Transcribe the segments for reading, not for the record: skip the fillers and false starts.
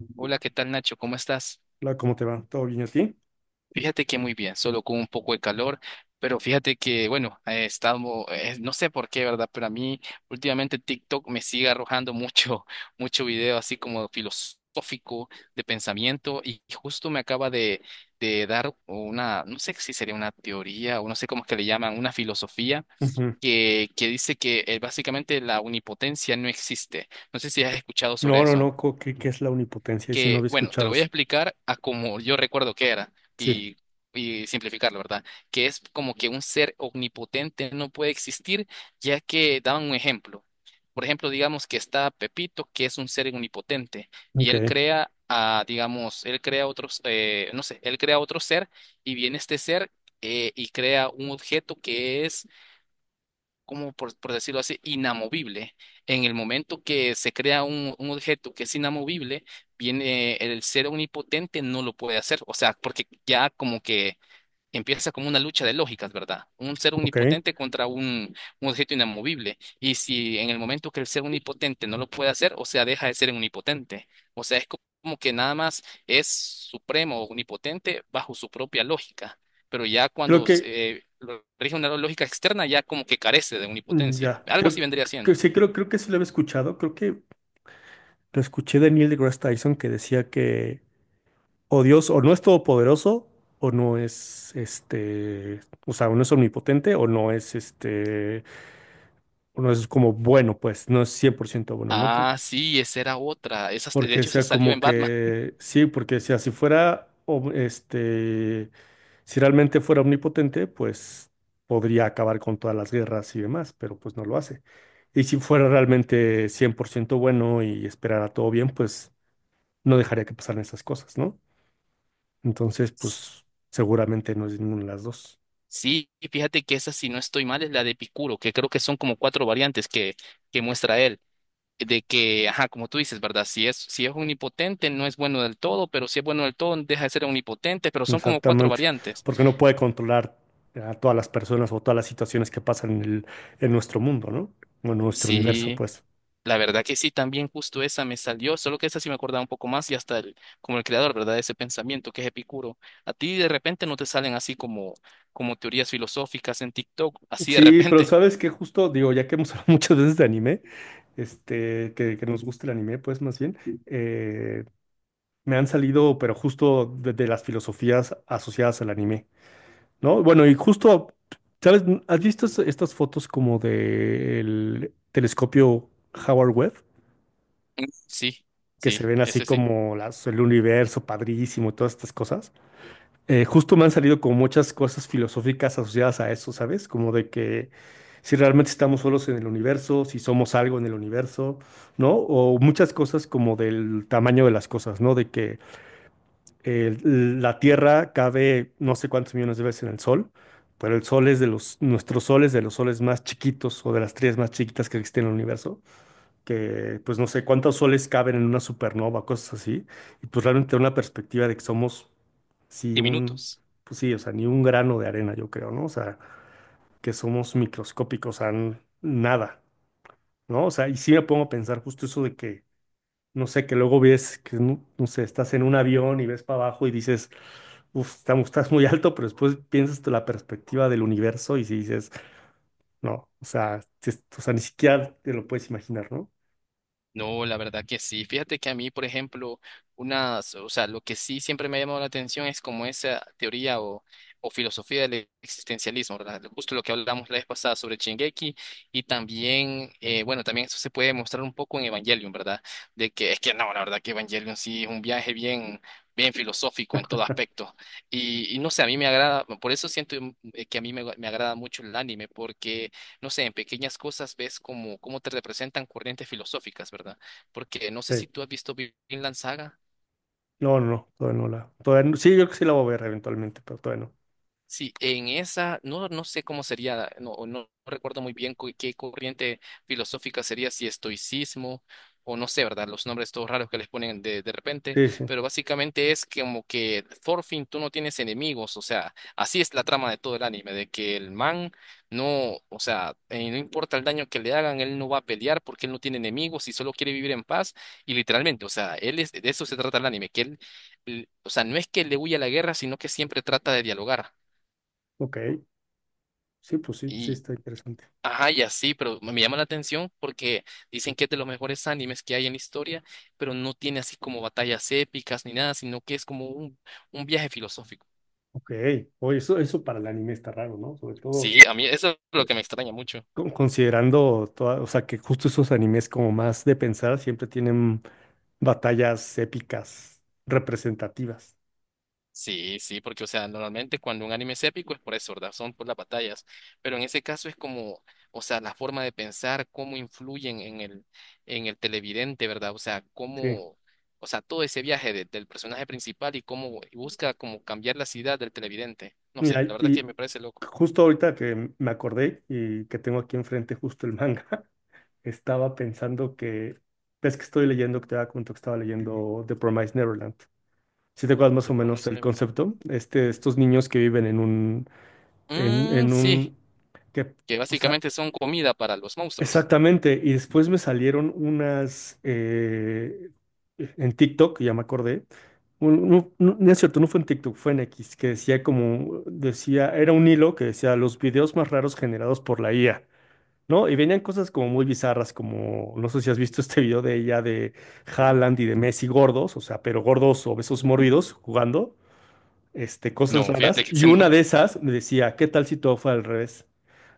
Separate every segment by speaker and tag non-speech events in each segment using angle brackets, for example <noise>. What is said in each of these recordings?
Speaker 1: Hola,
Speaker 2: Hola, ¿qué tal, Nacho? ¿Cómo estás?
Speaker 1: ¿cómo te va? ¿Todo bien a ti?
Speaker 2: Fíjate que muy bien, solo con un poco de calor, pero fíjate que, bueno, he estado no sé por qué, ¿verdad? Pero a mí últimamente TikTok me sigue arrojando mucho, <laughs> mucho video así como filosófico de pensamiento y justo me acaba de dar una, no sé si sería una teoría o no sé cómo es que le llaman, una filosofía
Speaker 1: Ujú.
Speaker 2: que dice que básicamente la omnipotencia no existe. No sé si has escuchado sobre
Speaker 1: No, no,
Speaker 2: eso.
Speaker 1: no, ¿qué es la omnipotencia? Y si no
Speaker 2: Que,
Speaker 1: había
Speaker 2: bueno, te
Speaker 1: escuchado
Speaker 2: lo voy a
Speaker 1: eso.
Speaker 2: explicar a como yo recuerdo que era
Speaker 1: Sí,
Speaker 2: y, y simplificarlo, ¿verdad? Que es como que un ser omnipotente no puede existir, ya que daban un ejemplo. Por ejemplo, digamos que está Pepito, que es un ser omnipotente, y
Speaker 1: ok,
Speaker 2: él crea a, digamos, él crea otros, no sé, él crea otro ser y viene este ser y crea un objeto que es como por decirlo así, inamovible. En el momento que se crea un objeto que es inamovible, viene el ser omnipotente no lo puede hacer, o sea, porque ya como que empieza como una lucha de lógicas, ¿verdad? Un ser
Speaker 1: ok.
Speaker 2: omnipotente contra un objeto inamovible. Y si en el momento que el ser omnipotente no lo puede hacer, o sea, deja de ser omnipotente. O sea, es como que nada más es supremo, o omnipotente bajo su propia lógica. Pero ya
Speaker 1: Creo
Speaker 2: cuando
Speaker 1: que,
Speaker 2: se lo rige una lógica externa, ya como que carece de omnipotencia.
Speaker 1: ya,
Speaker 2: Algo así
Speaker 1: creo
Speaker 2: vendría
Speaker 1: que
Speaker 2: siendo.
Speaker 1: sí, creo que sí lo había escuchado. Creo que lo escuché de Neil deGrasse Tyson, que decía que o Dios o no es todopoderoso o no es o sea, o no es omnipotente o no es o no es como bueno, pues no es 100% bueno, ¿no?
Speaker 2: Ah, sí, esa era otra. Esa, de
Speaker 1: Porque
Speaker 2: hecho, esa
Speaker 1: decía
Speaker 2: salió en
Speaker 1: como
Speaker 2: Batman.
Speaker 1: que sí, porque decía si fuera si realmente fuera omnipotente, pues podría acabar con todas las guerras y demás, pero pues no lo hace. Y si fuera realmente 100% bueno y esperara todo bien, pues no dejaría que pasaran esas cosas, ¿no? Entonces, pues seguramente no es ninguna de las dos.
Speaker 2: Sí, y fíjate que esa, si no estoy mal, es la de Epicuro, que creo que son como cuatro variantes que muestra él, de que, ajá, como tú dices, ¿verdad? Si es omnipotente, no es bueno del todo, pero si es bueno del todo, deja de ser omnipotente, pero son como cuatro
Speaker 1: Exactamente,
Speaker 2: variantes.
Speaker 1: porque no puede controlar a todas las personas o todas las situaciones que pasan en en nuestro mundo, ¿no? O en nuestro universo,
Speaker 2: Sí,
Speaker 1: pues.
Speaker 2: la verdad que sí, también justo esa me salió, solo que esa sí me acordaba un poco más y hasta el, como el creador, ¿verdad? De ese pensamiento que es Epicuro. A ti de repente no te salen así como, como teorías filosóficas en TikTok, así de
Speaker 1: Sí, pero
Speaker 2: repente.
Speaker 1: sabes que justo, digo, ya que hemos hablado <laughs> muchas veces de este anime, este, que nos gusta el anime, pues más bien, eh, me han salido, pero justo de las filosofías asociadas al anime, ¿no? Bueno, y justo, ¿sabes? ¿Has visto estas fotos como del telescopio Howard Webb,
Speaker 2: <laughs> Sí,
Speaker 1: que se
Speaker 2: sí,
Speaker 1: ven así
Speaker 2: ese sí.
Speaker 1: como el universo padrísimo, todas estas cosas? Justo me han salido como muchas cosas filosóficas asociadas a eso, ¿sabes? Como de que si realmente estamos solos en el universo, si somos algo en el universo, ¿no? O muchas cosas como del tamaño de las cosas, ¿no? De que la Tierra cabe no sé cuántos millones de veces en el Sol. Pero el sol es de los, nuestro sol es de los soles más chiquitos o de las estrellas más chiquitas que existen en el universo, que pues no sé cuántos soles caben en una supernova, cosas así, y pues realmente una perspectiva de que somos, sí,
Speaker 2: Y
Speaker 1: un,
Speaker 2: minutos.
Speaker 1: pues sí, o sea, ni un grano de arena, yo creo, ¿no? O sea, que somos microscópicos, o sea, nada, ¿no? O sea, y sí me pongo a pensar justo eso de que, no sé, que luego ves que, no, no sé, estás en un avión y ves para abajo y dices, uff, estamos, estás muy alto, pero después piensas tú la perspectiva del universo y si dices, no, o sea, o sea, ni siquiera te lo puedes imaginar, ¿no?
Speaker 2: No, la verdad que sí. Fíjate que a mí, por ejemplo, unas, o sea, lo que sí siempre me ha llamado la atención es como esa teoría o filosofía del existencialismo, ¿verdad? Justo lo que hablamos la vez pasada sobre Shingeki y también, bueno, también eso se puede mostrar un poco en Evangelion, ¿verdad? De que es que no, la verdad que Evangelion sí es un viaje bien, bien filosófico en todo aspecto. Y no sé, a mí me agrada, por eso siento que a mí me agrada mucho el anime, porque no sé, en pequeñas cosas ves cómo, cómo te representan corrientes filosóficas, ¿verdad? Porque no sé
Speaker 1: Sí.
Speaker 2: si tú has visto Vinland Saga.
Speaker 1: No, todavía no la. Todavía no- sí, yo creo que sí la voy a ver eventualmente, pero todavía no.
Speaker 2: Sí, en esa, no, no sé cómo sería, no, no recuerdo muy bien qué corriente filosófica sería, si estoicismo o no sé, ¿verdad? Los nombres todos raros que les ponen de repente,
Speaker 1: Sí, sí.
Speaker 2: pero básicamente es como que por fin tú no tienes enemigos, o sea, así es la trama de todo el anime, de que el man no, o sea, no importa el daño que le hagan, él no va a pelear porque él no tiene enemigos y solo quiere vivir en paz y literalmente, o sea, él es, de eso se trata el anime, que él, o sea, no es que le huya a la guerra, sino que siempre trata de dialogar.
Speaker 1: Ok. Sí, pues sí, sí
Speaker 2: Y,
Speaker 1: está interesante.
Speaker 2: ajá, y así, pero me llama la atención porque dicen que es de los mejores animes que hay en la historia, pero no tiene así como batallas épicas ni nada, sino que es como un viaje filosófico.
Speaker 1: Ok. Oye, eso para el anime está raro, ¿no? Sobre
Speaker 2: Sí,
Speaker 1: todo
Speaker 2: a mí eso es lo que me extraña mucho.
Speaker 1: considerando toda, o sea, que justo esos animes como más de pensar siempre tienen batallas épicas representativas.
Speaker 2: Sí, sí, porque, o sea, normalmente cuando un anime es épico es por eso, ¿verdad? Son por las batallas, pero en ese caso es como, o sea, la forma de pensar, cómo influyen en el televidente, ¿verdad? O sea,
Speaker 1: Sí.
Speaker 2: cómo, o sea, todo ese viaje del personaje principal y cómo y busca como cambiar la ciudad del televidente. No sé,
Speaker 1: Mira,
Speaker 2: la verdad que
Speaker 1: y
Speaker 2: me parece loco.
Speaker 1: justo ahorita que me acordé y que tengo aquí enfrente justo el manga, <laughs> estaba pensando que, ves que estoy leyendo, que te había comentado que estaba leyendo The Promised Neverland. Si te acuerdas más o
Speaker 2: The
Speaker 1: menos
Speaker 2: Promised
Speaker 1: el
Speaker 2: Neverland.
Speaker 1: concepto, este, estos niños que viven en un, en,
Speaker 2: Mm,
Speaker 1: en
Speaker 2: sí,
Speaker 1: un, que,
Speaker 2: que
Speaker 1: o sea,
Speaker 2: básicamente son comida para los monstruos.
Speaker 1: exactamente. Y después me salieron unas en TikTok, ya me acordé. No es cierto, no fue en TikTok, fue en X, que decía como, decía, era un hilo que decía los videos más raros generados por la IA, ¿no? Y venían cosas como muy bizarras, como, no sé si has visto este video de ella, de Haaland y de Messi gordos, o sea, pero gordos, obesos, mórbidos, jugando, este, cosas
Speaker 2: No, fíjate
Speaker 1: raras.
Speaker 2: que <laughs>
Speaker 1: Y
Speaker 2: ese
Speaker 1: una
Speaker 2: no.
Speaker 1: de esas me decía, ¿qué tal si todo fue al revés?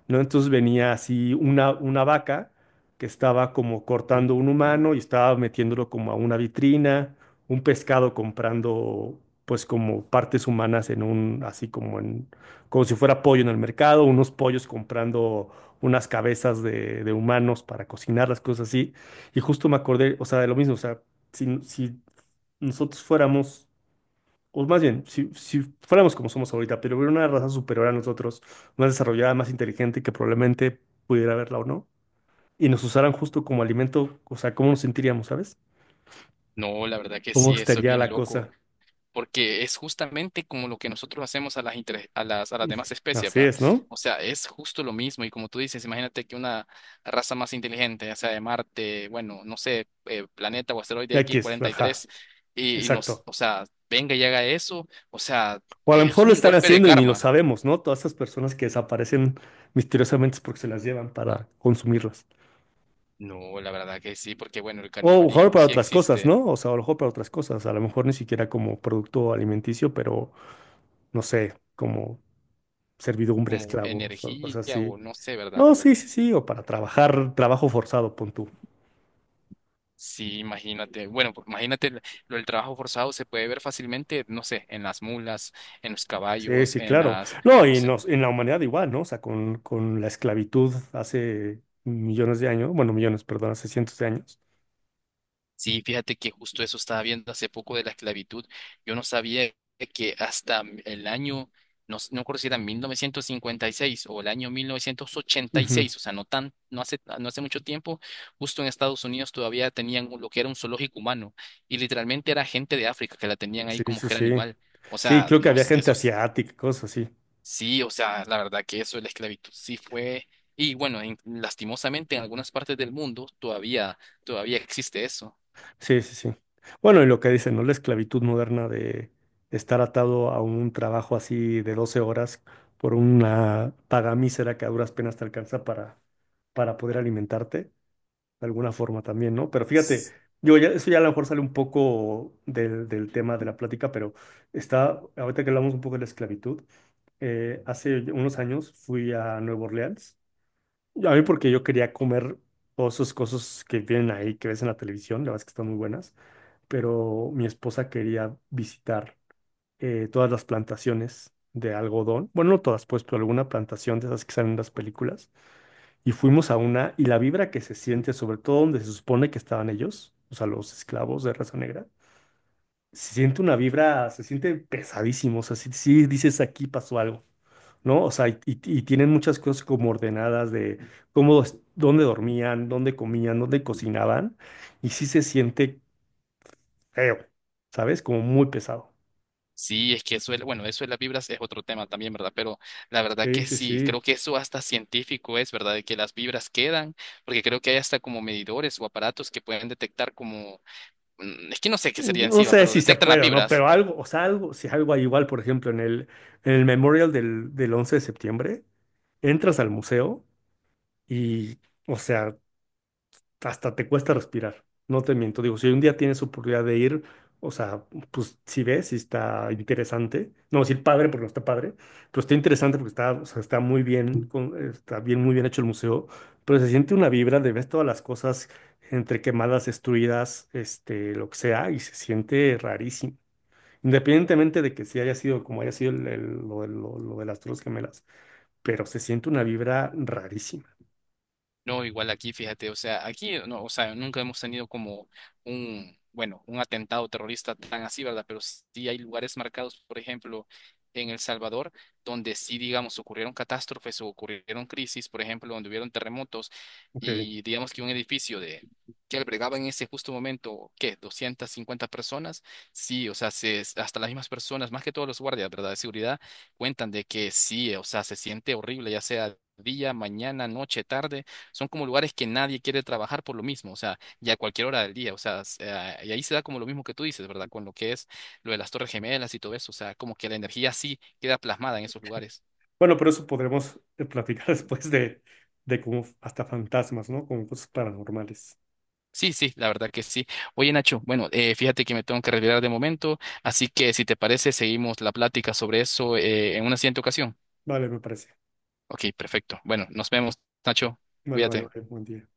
Speaker 1: ¿No? Entonces venía así una vaca que estaba como cortando un humano y estaba metiéndolo como a una vitrina, un pescado comprando pues como partes humanas en un, así como en, como si fuera pollo en el mercado, unos pollos comprando unas cabezas de humanos para cocinar las cosas así. Y justo me acordé, o sea, de lo mismo, o sea, si nosotros fuéramos, o más bien, si fuéramos como somos ahorita, pero hubiera una raza superior a nosotros, más desarrollada, más inteligente, que probablemente pudiera verla o no, y nos usaran justo como alimento, o sea, ¿cómo nos sentiríamos, sabes?
Speaker 2: No, la verdad que
Speaker 1: ¿Cómo
Speaker 2: sí, eso es
Speaker 1: estaría
Speaker 2: bien
Speaker 1: la
Speaker 2: loco,
Speaker 1: cosa?
Speaker 2: porque es justamente como lo que nosotros hacemos a las, a las, a las demás
Speaker 1: <laughs>
Speaker 2: especies,
Speaker 1: Así
Speaker 2: ¿va?
Speaker 1: es, ¿no?
Speaker 2: O sea, es justo lo mismo y como tú dices, imagínate que una raza más inteligente, ya sea de Marte, bueno, no sé, planeta o asteroide
Speaker 1: Aquí es,
Speaker 2: X-43,
Speaker 1: ajá,
Speaker 2: y, tres, y nos,
Speaker 1: exacto.
Speaker 2: o sea, venga y haga eso, o sea,
Speaker 1: O a lo
Speaker 2: es
Speaker 1: mejor lo
Speaker 2: un
Speaker 1: están
Speaker 2: golpe de
Speaker 1: haciendo y ni lo
Speaker 2: karma.
Speaker 1: sabemos, ¿no? Todas esas personas que desaparecen misteriosamente es porque se las llevan para consumirlas.
Speaker 2: No, la verdad que sí, porque bueno, el
Speaker 1: O a lo mejor
Speaker 2: canibalismo
Speaker 1: para
Speaker 2: sí
Speaker 1: otras cosas,
Speaker 2: existe
Speaker 1: ¿no? O sea, a lo mejor para otras cosas. A lo mejor ni siquiera como producto alimenticio, pero no sé, como servidumbre,
Speaker 2: como
Speaker 1: esclavos o cosas
Speaker 2: energía
Speaker 1: así.
Speaker 2: o no sé,
Speaker 1: No,
Speaker 2: ¿verdad?
Speaker 1: sí, sí, sí, o para trabajar, trabajo forzado, pon tú.
Speaker 2: Sí, imagínate. Bueno, pues, imagínate lo del trabajo forzado se puede ver fácilmente, no sé, en las mulas, en los
Speaker 1: Sí,
Speaker 2: caballos,
Speaker 1: sí,
Speaker 2: en
Speaker 1: claro.
Speaker 2: las...
Speaker 1: No,
Speaker 2: O
Speaker 1: y
Speaker 2: sea,
Speaker 1: nos, en la humanidad igual, ¿no? O sea, con la esclavitud hace millones de años, bueno, millones, perdón, hace cientos de años.
Speaker 2: sí, fíjate que justo eso estaba viendo hace poco de la esclavitud. Yo no sabía que hasta el año, no, no recuerdo si era 1956 o el año mil novecientos ochenta y
Speaker 1: Ujú.
Speaker 2: seis, o sea, no tan, no hace, no hace mucho tiempo, justo en Estados Unidos todavía tenían lo que era un zoológico humano y literalmente era gente de África que la tenían ahí
Speaker 1: Sí,
Speaker 2: como
Speaker 1: sí,
Speaker 2: que era
Speaker 1: sí.
Speaker 2: animal. O
Speaker 1: Sí,
Speaker 2: sea,
Speaker 1: creo que
Speaker 2: no,
Speaker 1: había gente
Speaker 2: eso es.
Speaker 1: asiática, cosas así.
Speaker 2: Sí, o sea, la verdad que eso de la esclavitud sí fue, y bueno, lastimosamente en algunas partes del mundo todavía, todavía existe eso.
Speaker 1: Sí, sí, sí. Bueno, y lo que dicen, ¿no? La esclavitud moderna de estar atado a un trabajo así de 12 horas por una paga mísera que a duras penas te alcanza para poder alimentarte, de alguna forma también, ¿no? Pero fíjate,
Speaker 2: S-
Speaker 1: yo ya, eso ya a lo mejor sale un poco del tema de la plática, pero está, ahorita que hablamos un poco de la esclavitud, hace unos años fui a Nueva Orleans, a mí porque yo quería comer todas esas cosas que vienen ahí, que ves en la televisión, la verdad es que están muy buenas, pero mi esposa quería visitar todas las plantaciones de algodón. Bueno, no todas, pues, pero alguna plantación de esas que salen en las películas. Y fuimos a una, y la vibra que se siente, sobre todo donde se supone que estaban ellos, o sea, los esclavos de raza negra, se siente una vibra, se siente pesadísimo. O sea, sí, sí dices aquí pasó algo, ¿no? O sea, y tienen muchas cosas como ordenadas de cómo, dónde dormían, dónde comían, dónde cocinaban, y sí se siente feo, ¿sabes? Como muy pesado.
Speaker 2: Sí, es que eso, bueno, eso de las vibras es otro tema también, ¿verdad? Pero la verdad
Speaker 1: Sí,
Speaker 2: que
Speaker 1: sí,
Speaker 2: sí, creo
Speaker 1: sí.
Speaker 2: que eso hasta científico es, ¿verdad? De que las vibras quedan, porque creo que hay hasta como medidores o aparatos que pueden detectar como, es que no sé qué sería
Speaker 1: No
Speaker 2: encima,
Speaker 1: sé
Speaker 2: pero
Speaker 1: si se
Speaker 2: detectan las
Speaker 1: puede o no,
Speaker 2: vibras.
Speaker 1: pero algo, o sea, algo, si algo hay igual, por ejemplo, en el Memorial del 11 de septiembre, entras al museo y, o sea, hasta te cuesta respirar. No te miento, digo, si un día tienes oportunidad de ir, o sea, pues si ves, si está interesante, no decir padre porque no está padre, pero está interesante porque está, o sea, está muy bien, está bien, muy bien hecho el museo, pero se siente una vibra de ves todas las cosas entre quemadas, destruidas, este, lo que sea, y se siente rarísimo. Independientemente de que si haya sido como haya sido lo de las Torres Gemelas, pero se siente una vibra rarísima.
Speaker 2: No, igual aquí, fíjate, o sea, aquí no, o sea, nunca hemos tenido como un, bueno, un atentado terrorista tan así, ¿verdad? Pero sí hay lugares marcados, por ejemplo, en El Salvador, donde sí, digamos, ocurrieron catástrofes o ocurrieron crisis, por ejemplo, donde hubieron terremotos
Speaker 1: Ok.
Speaker 2: y digamos que un edificio de que albergaba en ese justo momento, ¿qué? 250 personas. Sí, o sea, se, hasta las mismas personas, más que todos los guardias, ¿verdad? De seguridad, cuentan de que sí, o sea, se siente horrible, ya sea día, mañana, noche, tarde son como lugares que nadie quiere trabajar por lo mismo, o sea, ya a cualquier hora del día, o sea, y ahí se da como lo mismo que tú dices, ¿verdad? Con lo que es lo de las Torres Gemelas y todo eso, o sea, como que la energía sí queda plasmada en esos lugares.
Speaker 1: Bueno, pero eso podremos platicar <laughs> después de como hasta fantasmas, ¿no? Como cosas paranormales.
Speaker 2: Sí, sí, la verdad que sí. Oye, Nacho, bueno, fíjate que me tengo que retirar de momento, así que si te parece, seguimos la plática sobre eso en una siguiente ocasión.
Speaker 1: Vale, me parece.
Speaker 2: Ok, perfecto. Bueno, nos vemos, Nacho.
Speaker 1: Vale, vale,
Speaker 2: Cuídate.
Speaker 1: vale. Buen día.